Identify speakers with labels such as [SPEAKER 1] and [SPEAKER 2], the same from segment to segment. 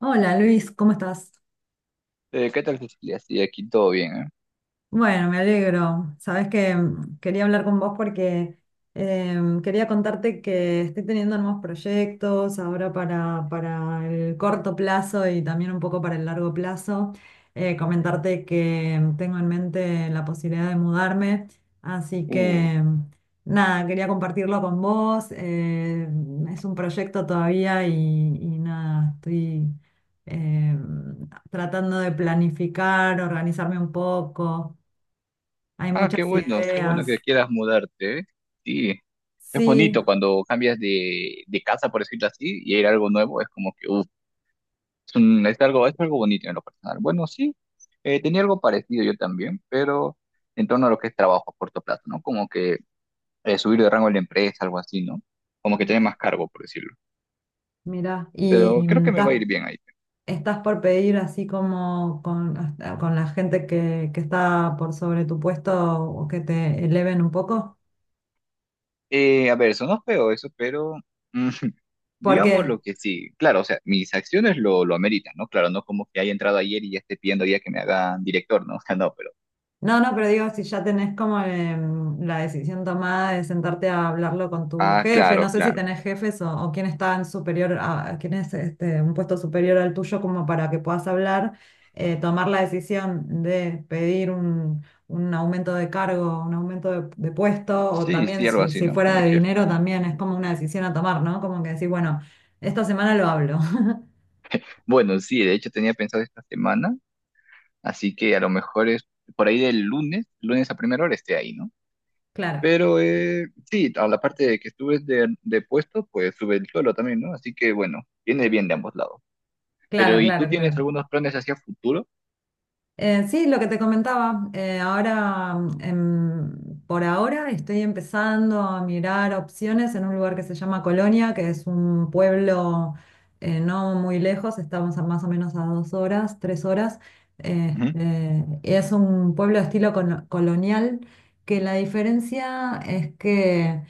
[SPEAKER 1] Hola Luis, ¿cómo estás?
[SPEAKER 2] ¿Qué tal, Cecilia? Sí, aquí todo bien, ¿eh?
[SPEAKER 1] Bueno, me alegro. Sabes que quería hablar con vos porque quería contarte que estoy teniendo nuevos proyectos ahora para el corto plazo y también un poco para el largo plazo. Comentarte que tengo en mente la posibilidad de mudarme, así
[SPEAKER 2] Uh,
[SPEAKER 1] que nada, quería compartirlo con vos. Es un proyecto todavía y nada, estoy tratando de planificar, organizarme un poco. Hay muchas
[SPEAKER 2] qué bueno que
[SPEAKER 1] ideas.
[SPEAKER 2] quieras mudarte, ¿eh? Sí, es
[SPEAKER 1] Sí,
[SPEAKER 2] bonito cuando cambias de casa, por decirlo así, y ir a algo nuevo, es como que, es algo bonito en lo personal. Bueno, sí, tenía algo parecido yo también, pero en torno a lo que es trabajo a corto plazo, ¿no? Como que subir de rango en la empresa, algo así, ¿no? Como que tener más
[SPEAKER 1] ajá,
[SPEAKER 2] cargo, por decirlo.
[SPEAKER 1] mira,
[SPEAKER 2] Pero
[SPEAKER 1] y
[SPEAKER 2] creo que me va a ir bien ahí.
[SPEAKER 1] estás por pedir así como con, hasta- con la gente que está por sobre tu puesto o que te eleven un poco.
[SPEAKER 2] A ver, sonó feo eso, pero
[SPEAKER 1] ¿Por
[SPEAKER 2] Digamos lo
[SPEAKER 1] qué?
[SPEAKER 2] que sí, claro, o sea, mis acciones lo ameritan, ¿no? Claro, no como que haya entrado ayer y ya esté pidiendo ya que me hagan director, ¿no? O sea, no, pero...
[SPEAKER 1] No, no, pero digo, si ya tenés como la decisión tomada de sentarte a hablarlo con tu
[SPEAKER 2] Ah,
[SPEAKER 1] jefe, no
[SPEAKER 2] claro,
[SPEAKER 1] sé si
[SPEAKER 2] claro.
[SPEAKER 1] tenés jefes o quién está en superior, a, quién es este, un puesto superior al tuyo como para que puedas hablar, tomar la decisión de pedir un aumento de cargo, un aumento de puesto, o
[SPEAKER 2] Sí, sí,
[SPEAKER 1] también
[SPEAKER 2] algo así,
[SPEAKER 1] si
[SPEAKER 2] ¿no? Con
[SPEAKER 1] fuera
[SPEAKER 2] el
[SPEAKER 1] de
[SPEAKER 2] jefe.
[SPEAKER 1] dinero, también es como una decisión a tomar, ¿no? Como que decir, bueno, esta semana lo hablo.
[SPEAKER 2] Bueno, sí, de hecho tenía pensado esta semana, así que a lo mejor es por ahí del lunes, lunes a primera hora esté ahí, ¿no?
[SPEAKER 1] Claro,
[SPEAKER 2] Pero sí, a la parte de que subes de puesto, pues sube el suelo también, ¿no? Así que bueno, viene bien de ambos lados.
[SPEAKER 1] claro,
[SPEAKER 2] Pero, ¿y tú
[SPEAKER 1] claro,
[SPEAKER 2] tienes
[SPEAKER 1] claro.
[SPEAKER 2] algunos planes hacia futuro?
[SPEAKER 1] Sí, lo que te comentaba, por ahora estoy empezando a mirar opciones en un lugar que se llama Colonia, que es un pueblo no muy lejos, estamos a más o menos a dos horas, tres horas.
[SPEAKER 2] Ujú.
[SPEAKER 1] Es un pueblo de estilo cono- colonial, que la diferencia es que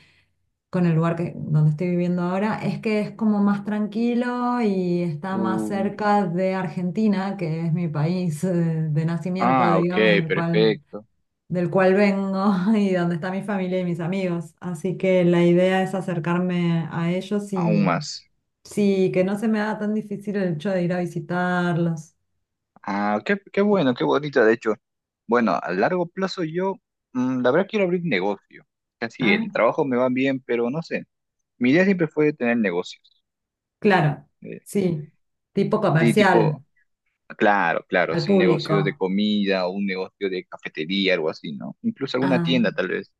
[SPEAKER 1] con el lugar donde estoy viviendo ahora, es que es como más tranquilo y está más
[SPEAKER 2] Mm,
[SPEAKER 1] cerca de Argentina, que es mi país de nacimiento,
[SPEAKER 2] ok,
[SPEAKER 1] digamos,
[SPEAKER 2] perfecto.
[SPEAKER 1] del cual vengo y donde está mi familia y mis amigos. Así que la idea es acercarme a ellos
[SPEAKER 2] Aún
[SPEAKER 1] y
[SPEAKER 2] más.
[SPEAKER 1] sí, que no se me haga tan difícil el hecho de ir a visitarlos.
[SPEAKER 2] Ah, qué, qué bueno, qué bonito, de hecho. Bueno, a largo plazo yo, la verdad quiero abrir negocio. Casi
[SPEAKER 1] Ah,
[SPEAKER 2] el trabajo me va bien, pero no sé. Mi idea siempre fue tener negocios.
[SPEAKER 1] claro,
[SPEAKER 2] Eh,
[SPEAKER 1] sí, tipo
[SPEAKER 2] sí,
[SPEAKER 1] comercial,
[SPEAKER 2] tipo, claro, claro,
[SPEAKER 1] al
[SPEAKER 2] sí, un negocio de
[SPEAKER 1] público.
[SPEAKER 2] comida o un negocio de cafetería, algo así, ¿no? Incluso alguna
[SPEAKER 1] Ah.
[SPEAKER 2] tienda tal vez.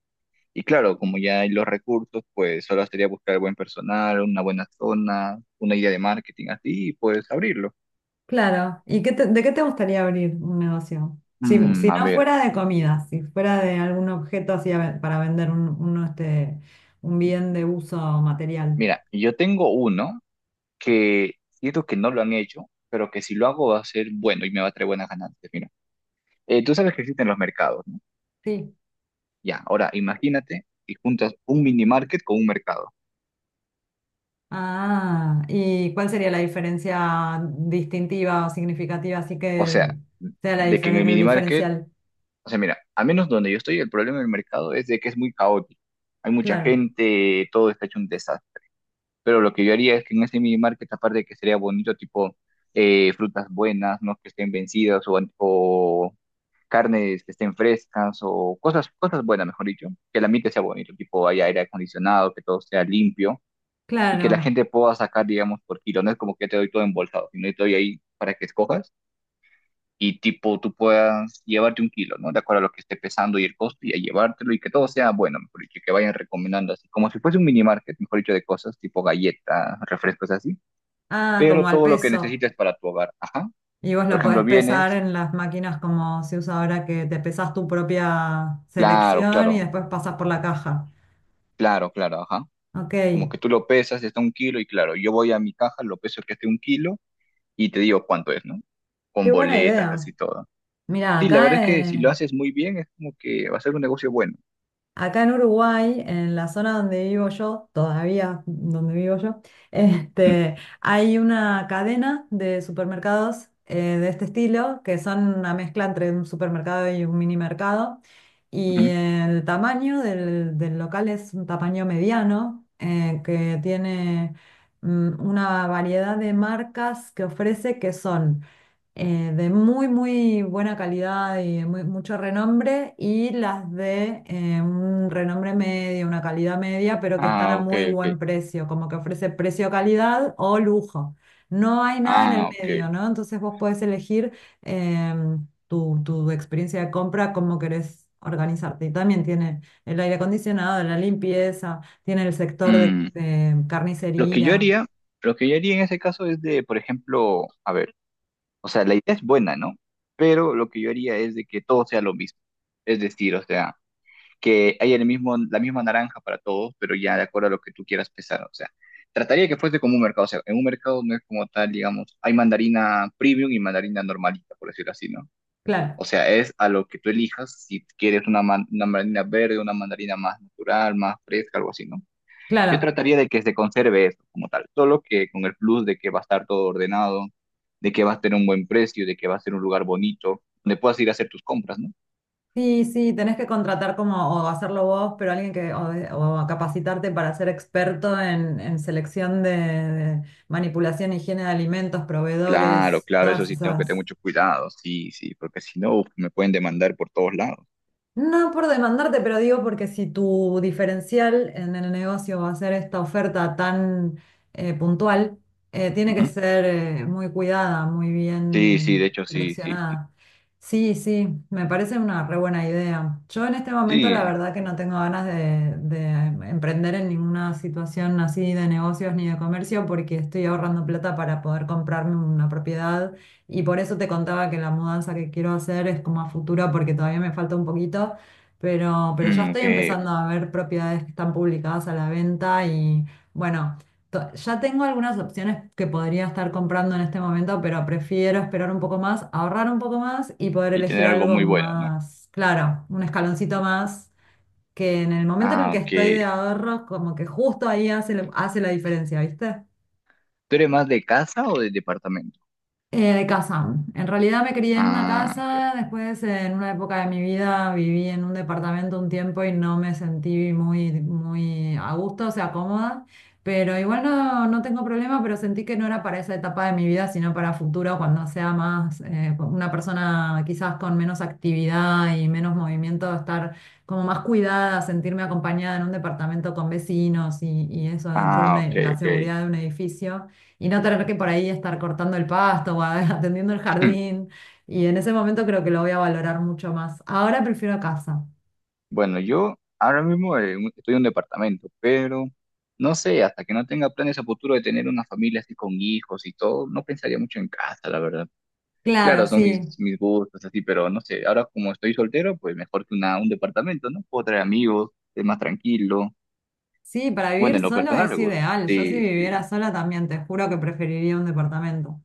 [SPEAKER 2] Y claro, como ya hay los recursos, pues solo sería buscar buen personal, una buena zona, una idea de marketing así, y pues abrirlo.
[SPEAKER 1] Claro. ¿Y qué te- de qué te gustaría abrir un negocio? Si
[SPEAKER 2] A
[SPEAKER 1] no
[SPEAKER 2] ver,
[SPEAKER 1] fuera de comida, si fuera de algún objeto así a ve- para vender uno, este, un bien de uso material.
[SPEAKER 2] mira, yo tengo uno. Que siento que no lo han hecho, pero que si lo hago va a ser bueno y me va a traer buenas ganancias. Mira, tú sabes que existen los mercados, ¿no?
[SPEAKER 1] Sí.
[SPEAKER 2] Ya, ahora imagínate y juntas un mini market con un mercado.
[SPEAKER 1] Ah, ¿y cuál sería la diferencia distintiva o significativa? Así
[SPEAKER 2] O
[SPEAKER 1] que
[SPEAKER 2] sea,
[SPEAKER 1] sea la
[SPEAKER 2] de que en el
[SPEAKER 1] diferen- el
[SPEAKER 2] mini market,
[SPEAKER 1] diferencial.
[SPEAKER 2] o sea, mira, al menos donde yo estoy, el problema del mercado es de que es muy caótico. Hay mucha
[SPEAKER 1] Claro,
[SPEAKER 2] gente, todo está hecho un desastre. Pero lo que yo haría es que en ese mini market, aparte de que sería bonito, tipo frutas buenas, no que estén vencidas o carnes que estén frescas o cosas buenas, mejor dicho, que el ambiente sea bonito, tipo haya aire acondicionado, que todo sea limpio y que la
[SPEAKER 1] claro.
[SPEAKER 2] gente pueda sacar, digamos, por kilo. No es como que te doy todo embolsado, sino que te doy ahí para que escojas y tipo tú puedas llevarte un kilo, ¿no? De acuerdo a lo que esté pesando y el costo y a llevártelo y que todo sea bueno, mejor dicho, que vayan recomendando así, como si fuese un mini market, mejor dicho, de cosas tipo galletas, refrescos así,
[SPEAKER 1] Ah, como
[SPEAKER 2] pero
[SPEAKER 1] al
[SPEAKER 2] todo lo que
[SPEAKER 1] peso.
[SPEAKER 2] necesites para tu hogar, ajá.
[SPEAKER 1] Y vos
[SPEAKER 2] Por
[SPEAKER 1] lo podés
[SPEAKER 2] ejemplo,
[SPEAKER 1] pesar
[SPEAKER 2] vienes,
[SPEAKER 1] en las máquinas como se usa ahora que te pesas tu propia
[SPEAKER 2] claro,
[SPEAKER 1] selección y
[SPEAKER 2] claro,
[SPEAKER 1] después pasas por la caja.
[SPEAKER 2] claro, claro, ajá.
[SPEAKER 1] Ok,
[SPEAKER 2] Como
[SPEAKER 1] qué
[SPEAKER 2] que tú lo pesas, está un kilo, y claro, yo voy a mi caja, lo peso que esté un kilo, y te digo cuánto es, ¿no? Con
[SPEAKER 1] buena
[SPEAKER 2] boletas,
[SPEAKER 1] idea.
[SPEAKER 2] así todo.
[SPEAKER 1] Mira,
[SPEAKER 2] Sí, la verdad es
[SPEAKER 1] acá,
[SPEAKER 2] que si lo haces muy bien, es como que va a ser un negocio bueno.
[SPEAKER 1] acá en Uruguay, en la zona donde vivo yo, todavía donde vivo yo,
[SPEAKER 2] Mm,
[SPEAKER 1] este, hay una cadena de supermercados de este estilo, que son una mezcla entre un supermercado y un mini mercado. Y
[SPEAKER 2] ujú.
[SPEAKER 1] el tamaño del local es un tamaño mediano, que tiene una variedad de marcas que ofrece que son... de muy buena calidad y de muy- mucho renombre, y las de un renombre medio, una calidad media, pero que están a
[SPEAKER 2] Ah, ok,
[SPEAKER 1] muy buen
[SPEAKER 2] ok.
[SPEAKER 1] precio, como que ofrece precio-calidad o lujo. No hay nada en el
[SPEAKER 2] Ah, ok.
[SPEAKER 1] medio, ¿no? Entonces vos podés elegir tu experiencia de compra, cómo querés organizarte. Y también tiene el aire acondicionado, la limpieza, tiene el sector de
[SPEAKER 2] Mm. Lo que yo
[SPEAKER 1] carnicería.
[SPEAKER 2] haría, lo que yo haría en ese caso es de, por ejemplo, a ver, o sea, la idea es buena, ¿no? Pero lo que yo haría es de que todo sea lo mismo. Es decir, o sea, que hay el mismo, la misma naranja para todos, pero ya de acuerdo a lo que tú quieras pesar. O sea, trataría de que fuese como un mercado. O sea, en un mercado no es como tal, digamos, hay mandarina premium y mandarina normalita, por decirlo así, ¿no?
[SPEAKER 1] Claro,
[SPEAKER 2] O sea, es a lo que tú elijas, si quieres una, una mandarina verde, una mandarina más natural, más fresca, algo así, ¿no? Yo
[SPEAKER 1] claro.
[SPEAKER 2] trataría de que se conserve eso como tal, solo que con el plus de que va a estar todo ordenado, de que va a tener un buen precio, de que va a ser un lugar bonito, donde puedas ir a hacer tus compras, ¿no?
[SPEAKER 1] Sí, sí, tenés que contratar como o hacerlo vos, pero alguien que o, de- o capacitarte para ser experto en selección de manipulación, higiene de alimentos,
[SPEAKER 2] Claro,
[SPEAKER 1] proveedores,
[SPEAKER 2] claro, eso
[SPEAKER 1] todas
[SPEAKER 2] sí tengo que tener
[SPEAKER 1] esas.
[SPEAKER 2] mucho cuidado, sí, sí, porque si no, uf, me pueden demandar por todos lados.
[SPEAKER 1] No por demandarte, pero digo porque si tu diferencial en el negocio va a ser esta oferta tan puntual, tiene que
[SPEAKER 2] Ujú.
[SPEAKER 1] ser muy cuidada, muy
[SPEAKER 2] Sí, sí,
[SPEAKER 1] bien
[SPEAKER 2] de hecho, sí, sí, sí,
[SPEAKER 1] seleccionada. Sí, sí, me parece una re buena idea. Yo en este momento la
[SPEAKER 2] sí,
[SPEAKER 1] verdad que no tengo ganas de emprender en ninguna situación así de negocios ni de comercio porque estoy ahorrando plata para poder comprarme una propiedad y por eso te contaba que la mudanza que quiero hacer es como a futuro porque todavía me falta un poquito, pero ya
[SPEAKER 2] mm,
[SPEAKER 1] estoy
[SPEAKER 2] ok,
[SPEAKER 1] empezando
[SPEAKER 2] ok.
[SPEAKER 1] a ver propiedades que están publicadas a la venta y bueno, to- ya tengo algunas opciones que podría estar comprando en este momento, pero prefiero esperar un poco más, ahorrar un poco más y poder
[SPEAKER 2] Y
[SPEAKER 1] elegir
[SPEAKER 2] tener algo
[SPEAKER 1] algo
[SPEAKER 2] muy bueno, ¿no?
[SPEAKER 1] más, claro, un escaloncito más, que en el momento en el
[SPEAKER 2] Ah,
[SPEAKER 1] que
[SPEAKER 2] ok.
[SPEAKER 1] estoy de ahorros, como que justo ahí hace, hace la diferencia, ¿viste?
[SPEAKER 2] ¿Tú eres más de casa o de departamento?
[SPEAKER 1] De casa. En realidad me crié en una
[SPEAKER 2] Ah, ok,
[SPEAKER 1] casa, después en una época de mi vida viví en un departamento un tiempo y no me sentí muy a gusto, o sea, cómoda, pero igual no, no tengo problema, pero sentí que no era para esa etapa de mi vida, sino para futuro, cuando sea más una persona quizás con menos actividad y menos movimiento, estar como más cuidada, sentirme acompañada en un departamento con vecinos y eso dentro de
[SPEAKER 2] ah,
[SPEAKER 1] una-
[SPEAKER 2] ok,
[SPEAKER 1] la
[SPEAKER 2] ok.
[SPEAKER 1] seguridad de un edificio y no tener que por ahí estar cortando el pasto o a- atendiendo el
[SPEAKER 2] Hmm.
[SPEAKER 1] jardín. Y en ese momento creo que lo voy a valorar mucho más. Ahora prefiero casa.
[SPEAKER 2] Bueno, yo ahora mismo estoy en un departamento, pero no sé, hasta que no tenga planes a futuro de tener una familia así con hijos y todo, no pensaría mucho en casa, la verdad.
[SPEAKER 1] Claro,
[SPEAKER 2] Claro, son
[SPEAKER 1] sí.
[SPEAKER 2] mis gustos, así, pero no sé, ahora como estoy soltero, pues mejor que un departamento, ¿no? Puedo traer amigos, es más tranquilo.
[SPEAKER 1] Sí, para
[SPEAKER 2] Bueno,
[SPEAKER 1] vivir
[SPEAKER 2] en lo
[SPEAKER 1] solo
[SPEAKER 2] personal
[SPEAKER 1] es
[SPEAKER 2] me gusta.
[SPEAKER 1] ideal. Yo si
[SPEAKER 2] Sí, sí,
[SPEAKER 1] viviera sola también, te juro que preferiría un departamento.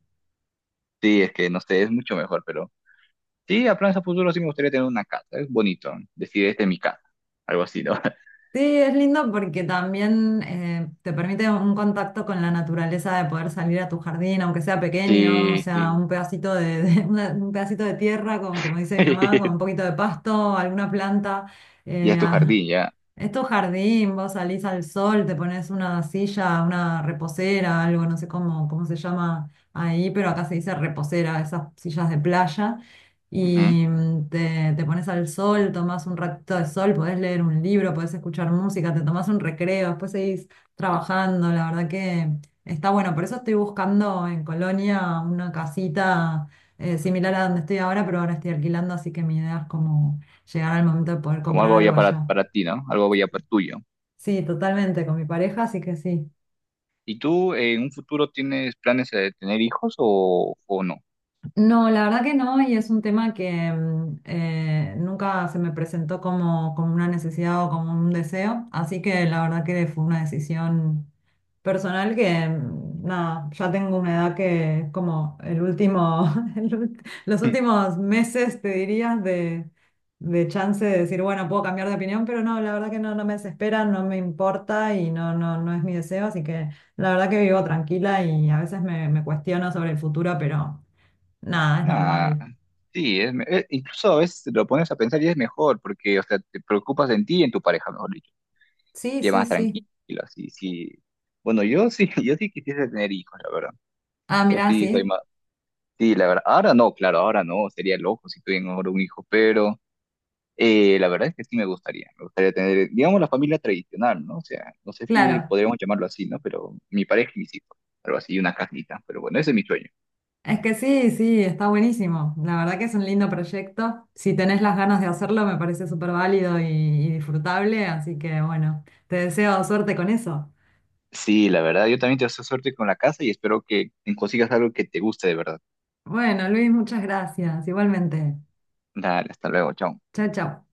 [SPEAKER 2] sí, es que no sé, es mucho mejor, pero sí, a planes a futuro sí me gustaría tener una casa, es bonito, ¿no? Decir, este es mi casa, algo así, ¿no?
[SPEAKER 1] Sí, es lindo porque también te permite un contacto con la naturaleza de poder salir a tu jardín, aunque sea pequeño, o
[SPEAKER 2] Sí,
[SPEAKER 1] sea,
[SPEAKER 2] sí.
[SPEAKER 1] un pedacito de una- un pedacito de tierra, como, como dice mi mamá, con un poquito de pasto, alguna planta.
[SPEAKER 2] Ya
[SPEAKER 1] eh,
[SPEAKER 2] es tu jardín, ya.
[SPEAKER 1] Esto jardín, vos salís al sol, te pones una silla, una reposera, algo, no sé cómo, cómo se llama ahí, pero acá se dice reposera, esas sillas de playa,
[SPEAKER 2] Ujú.
[SPEAKER 1] y te pones al sol, tomás un ratito de sol, podés leer un libro, podés escuchar música, te tomás un recreo, después seguís trabajando, la verdad que está bueno. Por eso estoy buscando en Colonia una casita similar a donde estoy ahora, pero ahora estoy alquilando, así que mi idea es como llegar al momento de poder
[SPEAKER 2] Como
[SPEAKER 1] comprar
[SPEAKER 2] algo
[SPEAKER 1] algo
[SPEAKER 2] ya
[SPEAKER 1] allá.
[SPEAKER 2] para ti, ¿no? Algo ya para tuyo.
[SPEAKER 1] Sí, totalmente, con mi pareja, así que sí.
[SPEAKER 2] ¿Y tú en un futuro tienes planes de tener hijos o no?
[SPEAKER 1] No, la verdad que no, y es un tema que nunca se me presentó como, como una necesidad o como un deseo, así que la verdad que fue una decisión personal que, nada, ya tengo una edad que es como el último, el ult- los últimos meses, te dirías, de chance de decir, bueno, puedo cambiar de opinión, pero no, la verdad que no, no me desespera, no me importa y no, no, no es mi deseo, así que la verdad que vivo tranquila y a veces me, me cuestiono sobre el futuro, pero... Nada, es
[SPEAKER 2] Nada,
[SPEAKER 1] normal.
[SPEAKER 2] sí, es, incluso a veces lo pones a pensar y es mejor, porque, o sea, te preocupas en ti y en tu pareja, mejor dicho,
[SPEAKER 1] Sí,
[SPEAKER 2] y es
[SPEAKER 1] sí,
[SPEAKER 2] más tranquilo,
[SPEAKER 1] sí.
[SPEAKER 2] sí, sí. Bueno, yo sí, yo sí quisiese tener hijos, la verdad.
[SPEAKER 1] Ah,
[SPEAKER 2] Yo
[SPEAKER 1] mirá,
[SPEAKER 2] sí soy
[SPEAKER 1] sí.
[SPEAKER 2] más, sí, la verdad. Ahora no, claro, ahora no, sería loco si tuviera ahora un hijo, pero la verdad es que sí me gustaría tener, digamos, la familia tradicional, ¿no? O sea, no sé si
[SPEAKER 1] Claro.
[SPEAKER 2] podríamos llamarlo así, ¿no? Pero mi pareja y mis hijos, algo así, una casita, pero bueno, ese es mi sueño.
[SPEAKER 1] Es que sí, sí, está buenísimo. La verdad que es un lindo proyecto. Si tenés las ganas de hacerlo, me parece súper válido y disfrutable. Así que bueno, te deseo suerte con eso.
[SPEAKER 2] Sí, la verdad, yo también te deseo suerte con la casa y espero que consigas algo que te guste de verdad.
[SPEAKER 1] Bueno, Luis, muchas gracias. Igualmente.
[SPEAKER 2] Dale, hasta luego, chao.
[SPEAKER 1] Chao, chao.